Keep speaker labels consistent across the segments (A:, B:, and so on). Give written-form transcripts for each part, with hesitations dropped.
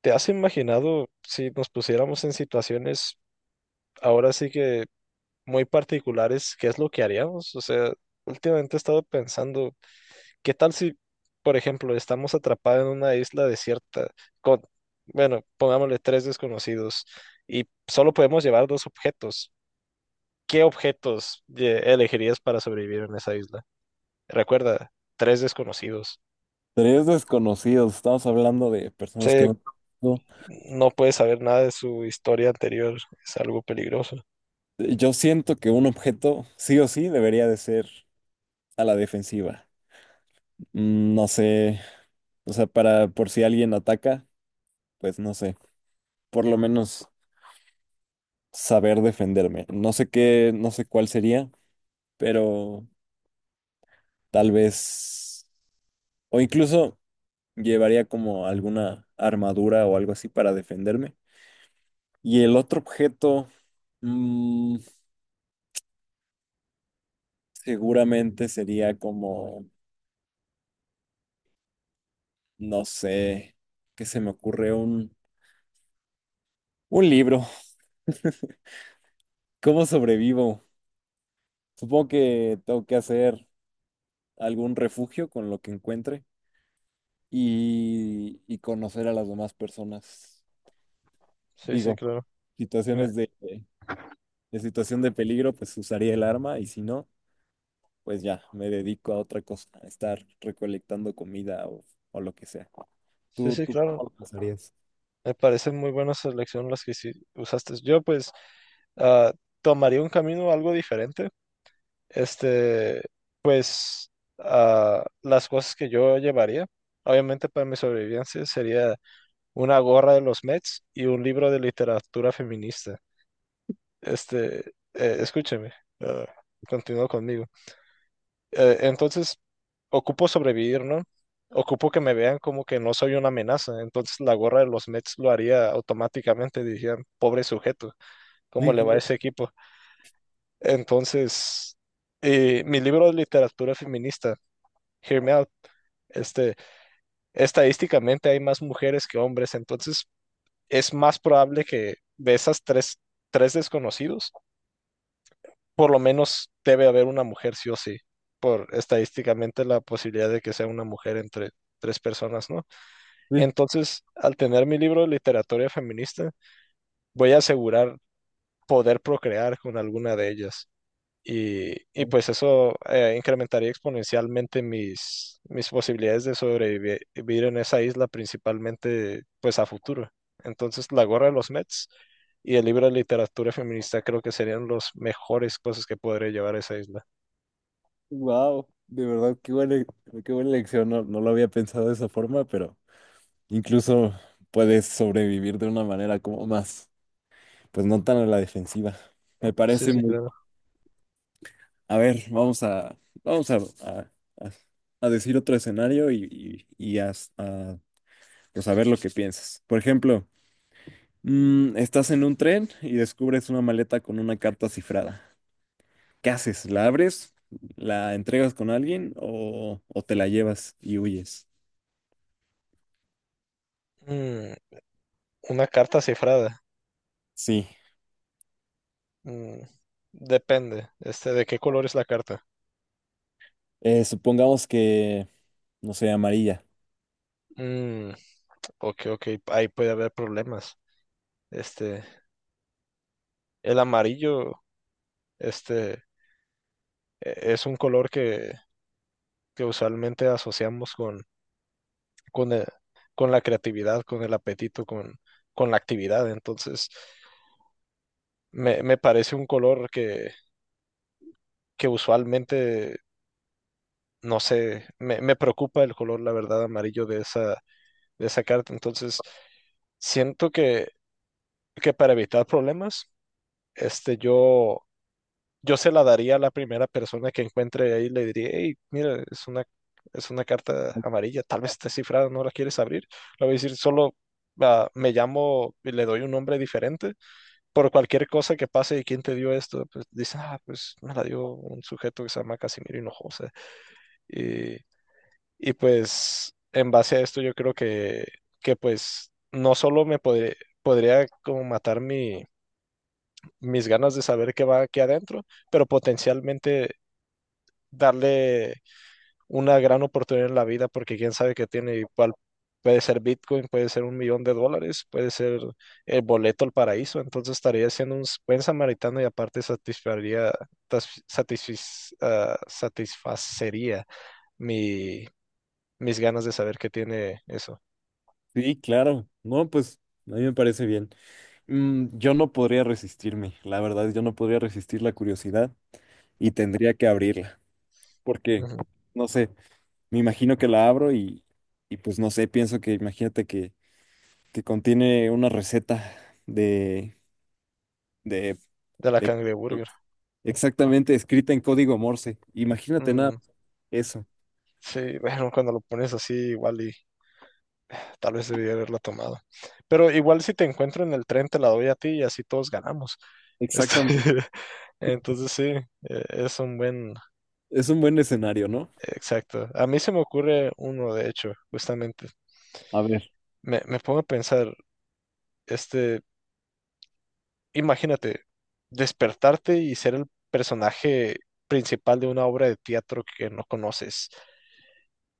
A: ¿Te has imaginado si nos pusiéramos en situaciones ahora sí que muy particulares, qué es lo que haríamos? O sea, últimamente he estado pensando, ¿qué tal si, por ejemplo, estamos atrapados en una isla desierta con, bueno, pongámosle tres desconocidos y solo podemos llevar dos objetos? ¿Qué objetos elegirías para sobrevivir en esa isla? Recuerda, tres desconocidos.
B: Tres desconocidos, estamos hablando de personas que
A: Sí.
B: no... no.
A: No puedes saber nada de su historia anterior, es algo peligroso.
B: Yo siento que un objeto sí o sí debería de ser a la defensiva. No sé, o sea, para por si alguien ataca, pues no sé, por lo menos saber defenderme. No sé qué, no sé cuál sería, pero tal vez o incluso llevaría como alguna armadura o algo así para defenderme. Y el otro objeto, mm, seguramente sería como no sé, ¿qué se me ocurre? Un libro. ¿Cómo sobrevivo? Supongo que tengo que hacer algún refugio con lo que encuentre y conocer a las demás personas.
A: Sí, sí,
B: Digo,
A: claro. Me-
B: situaciones de, de situación de peligro, pues usaría el arma y si no, pues ya, me dedico a otra cosa, a estar recolectando comida o lo que sea.
A: sí, sí,
B: Tú
A: claro.
B: cómo lo pasarías?
A: Me parece muy buena selección las que sí usaste. Yo, pues, ah, tomaría un camino algo diferente. Este, pues, las cosas que yo llevaría, obviamente para mi sobrevivencia, sería una gorra de los Mets y un libro de literatura feminista. Este, escúcheme, eh, continúa conmigo. Entonces, ocupo sobrevivir, ¿no? Ocupo que me vean como que no soy una amenaza. Entonces, la gorra de los Mets lo haría automáticamente. Dirían, pobre sujeto, ¿cómo
B: Sí,
A: le va a ese
B: claro,
A: equipo? Entonces, mi libro de literatura feminista, Hear Me Out, este, estadísticamente hay más mujeres que hombres. Entonces, es más probable que de esas tres, tres desconocidos, por lo menos debe haber una mujer sí o sí, por estadísticamente la posibilidad de que sea una mujer entre tres personas, ¿no?
B: sí.
A: Entonces, al tener mi libro de literatura feminista, voy a asegurar poder procrear con alguna de ellas. Y pues eso incrementaría exponencialmente mis posibilidades de sobrevivir en esa isla, principalmente pues a futuro. Entonces, la gorra de los Mets y el libro de literatura feminista creo que serían las mejores cosas que podré llevar a esa isla.
B: Wow, de verdad, qué buena lección. No, no lo había pensado de esa forma, pero incluso puedes sobrevivir de una manera como más, pues no tan a la defensiva. Me
A: Sí,
B: parece
A: sí,
B: muy.
A: claro.
B: A ver, vamos a, vamos a, a- a decir otro escenario y a, pues a ver lo que piensas. Por ejemplo, estás en un tren y descubres una maleta con una carta cifrada. ¿Qué haces? ¿La abres? ¿La entregas con alguien o te la llevas y huyes?
A: Mm, una carta cifrada.
B: Sí.
A: Mm, depende. ¿De qué color es la carta?
B: Supongamos que no sé, amarilla.
A: Mm, ok, ok. Ahí puede haber problemas. Este, el amarillo, este, es un color que usualmente asociamos con, con la creatividad, con el apetito, con la actividad. Entonces, me parece un color que usualmente, no sé, me preocupa el color, la verdad, amarillo de esa carta. Entonces, siento que para evitar problemas, este, yo, yo se la daría a la primera persona que encuentre ahí, le diría, hey, mira, es una carta amarilla, tal vez está cifrada, no la quieres abrir. Le voy a decir, solo me llamo y le doy un nombre diferente por cualquier cosa que pase y quién te dio esto, pues dice ah, pues me la dio un sujeto que se llama Casimiro Hinojosa. Y Y pues en base a esto yo creo que pues no solo podría como matar mis ganas de saber qué va aquí adentro, pero potencialmente darle una gran oportunidad en la vida porque quién sabe qué tiene igual. Puede ser Bitcoin, puede ser un millón de dólares, puede ser el boleto al paraíso. Entonces estaría siendo un buen samaritano y aparte satisfaría, satisfacería mi, mis ganas de saber qué tiene eso.
B: Sí, claro. No, pues a mí me parece bien. Yo no podría resistirme, la verdad, yo no podría resistir la curiosidad y tendría que abrirla, porque,
A: Ujú.
B: no sé, me imagino que la abro y pues no sé, pienso que imagínate que contiene una receta de, de,
A: De la
B: de-
A: cangreburger.
B: exactamente escrita en código Morse. Imagínate nada,
A: Mm,
B: eso.
A: sí, bueno, cuando lo pones así, igual y tal vez debía haberla tomado. Pero igual si te encuentro en el tren, te la doy a ti y así todos ganamos. Este,
B: Exactamente.
A: entonces sí, es un buen...
B: Es un buen escenario, ¿no?
A: Exacto. A mí se me ocurre uno, de hecho, justamente.
B: A ver.
A: Me pongo a pensar, este, imagínate, despertarte y ser el personaje principal de una obra de teatro que no conoces.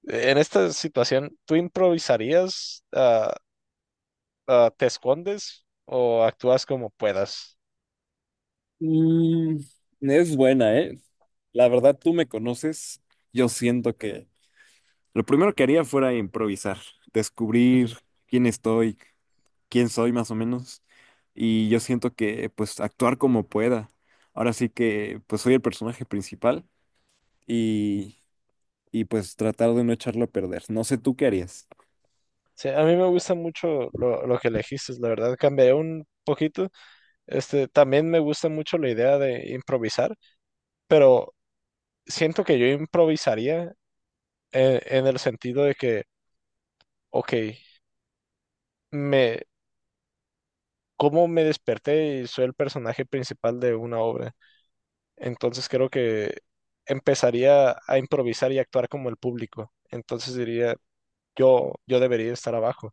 A: En esta situación, ¿tú improvisarías? ¿Te escondes o actúas como puedas?
B: Mm, es buena, ¿eh? La verdad, tú me conoces. Yo siento que lo primero que haría fuera improvisar, descubrir
A: Ujú.
B: quién estoy, quién soy más o menos. Y yo siento que, pues, actuar como pueda. Ahora sí que, pues, soy el personaje principal y, y pues, tratar de no echarlo a perder. No sé, ¿tú qué harías?
A: Sí, a mí me gusta mucho lo que elegiste, la verdad, cambié un poquito. También me gusta mucho la idea de improvisar, pero siento que yo improvisaría el sentido de ok, me, cómo me desperté y soy el personaje principal de una obra. Entonces creo que empezaría a improvisar y actuar como el público. Entonces diría, yo debería estar abajo.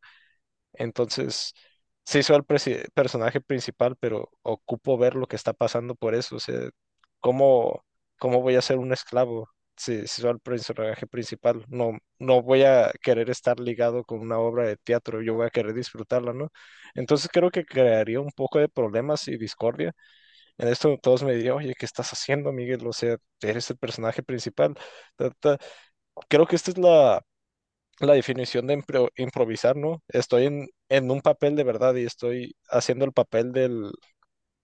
A: Entonces, se soy el personaje principal, pero ocupo ver lo que está pasando por eso. O sea, ¿cómo, ¿cómo voy a ser un esclavo si soy el personaje principal? No, no voy a querer estar ligado con una obra de teatro, yo voy a querer disfrutarla, ¿no? Entonces creo que crearía un poco de problemas y discordia. En esto todos me dirían, oye, ¿qué estás haciendo, Miguel? O sea, eres el personaje principal. Ta, ta. Creo que esta es la definición de improvisar, ¿no? Estoy en un papel de verdad y estoy haciendo el papel del,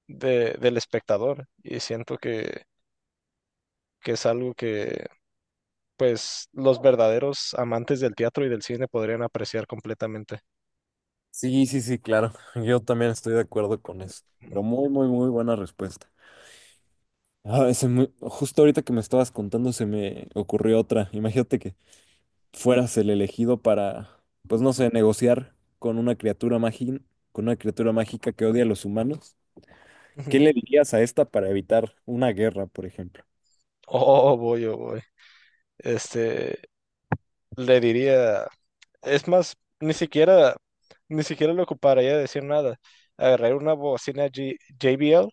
A: de- del espectador y siento que es algo que, pues, los verdaderos amantes del teatro y del cine podrían apreciar completamente.
B: Sí, sí, sí, claro. Yo también estoy de acuerdo con eso. Pero muy, muy, muy buena respuesta. Ah, justo ahorita que me estabas contando se me ocurrió otra. Imagínate que fueras el elegido para, pues no sé, negociar con una criatura mágica, con una criatura mágica que odia a los humanos. ¿Qué
A: Ujú.
B: le dirías a esta para evitar una guerra, por ejemplo?
A: Oh, voy, oh, voy. Este, le diría, es más, ni siquiera le ocuparía decir nada. Agarré una bocina JBL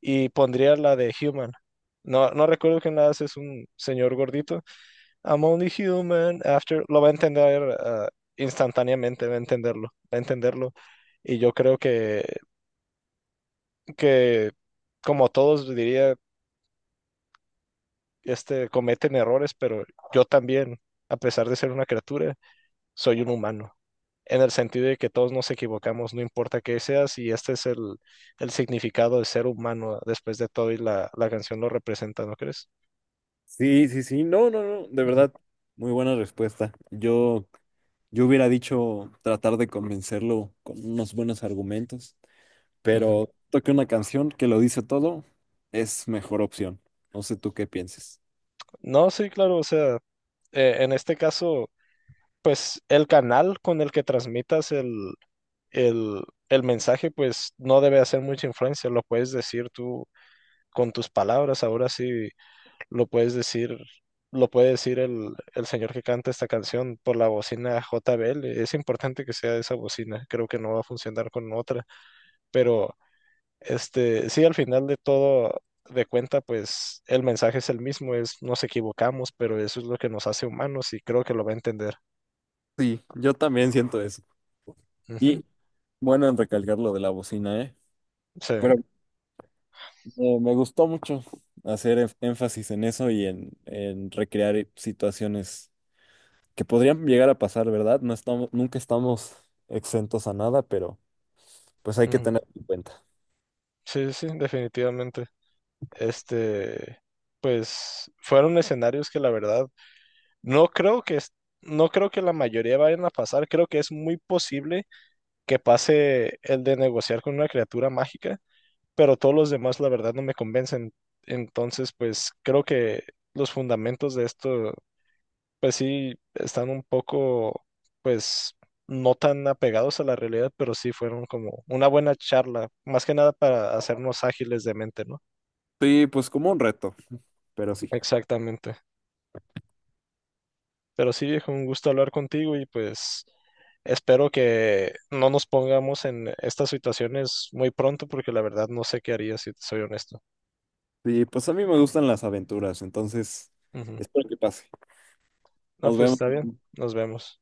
A: y pondría la de Human. No, no recuerdo quién la hace, es un señor gordito. I'm only human after. Lo va a entender instantáneamente, va a entenderlo, va a entenderlo. Y yo creo que como todos diría, cometen errores, pero yo también, a pesar de ser una criatura, soy un humano. En el sentido de que todos nos equivocamos, no importa qué seas, y este es el significado de ser humano después de todo, y la canción lo representa, ¿no crees?
B: Sí, sí, sí, no, no, no, de
A: Ujú,
B: verdad, muy buena respuesta. Yo hubiera dicho tratar de convencerlo con unos buenos argumentos,
A: ujú.
B: pero toque una canción que lo dice todo, es mejor opción. No sé tú qué pienses.
A: No, sí, claro, o sea, en este caso, pues el canal con el que transmitas el el mensaje, pues no debe hacer mucha influencia, lo puedes decir tú con tus palabras, ahora sí lo puedes decir, lo puede decir el señor que canta esta canción por la bocina JBL, es importante que sea esa bocina, creo que no va a funcionar con otra, pero sí, al final de todo, de cuenta, pues el mensaje es el mismo, es nos equivocamos, pero eso es lo que nos hace humanos y creo que lo va a entender.
B: Sí, yo también siento eso.
A: Ujú.
B: Y bueno, en recalcar lo de la bocina, ¿eh?
A: Sí,
B: Pero me gustó mucho hacer énfasis en eso y en recrear situaciones que podrían llegar a pasar, ¿verdad? No estamos, nunca estamos exentos a nada, pero pues hay que
A: ujú.
B: tener en cuenta.
A: Sí, sí, definitivamente. Este, pues fueron escenarios que la verdad no creo que es- no creo que la mayoría vayan a pasar, creo que es muy posible que pase el de negociar con una criatura mágica, pero todos los demás la verdad no me convencen. Entonces, pues creo que los fundamentos de esto pues sí, están un poco, pues, no tan apegados a la realidad, pero sí fueron como una buena charla, más que nada para hacernos ágiles de mente, ¿no?
B: Sí, pues como un reto, pero sí.
A: Exactamente. Pero sí, viejo, un gusto hablar contigo y pues espero que no nos pongamos en estas situaciones muy pronto, porque la verdad no sé qué haría si te soy honesto.
B: Sí, pues a mí me gustan las aventuras, entonces
A: Ujú.
B: espero que pase.
A: No,
B: Nos
A: pues
B: vemos.
A: está bien, nos vemos.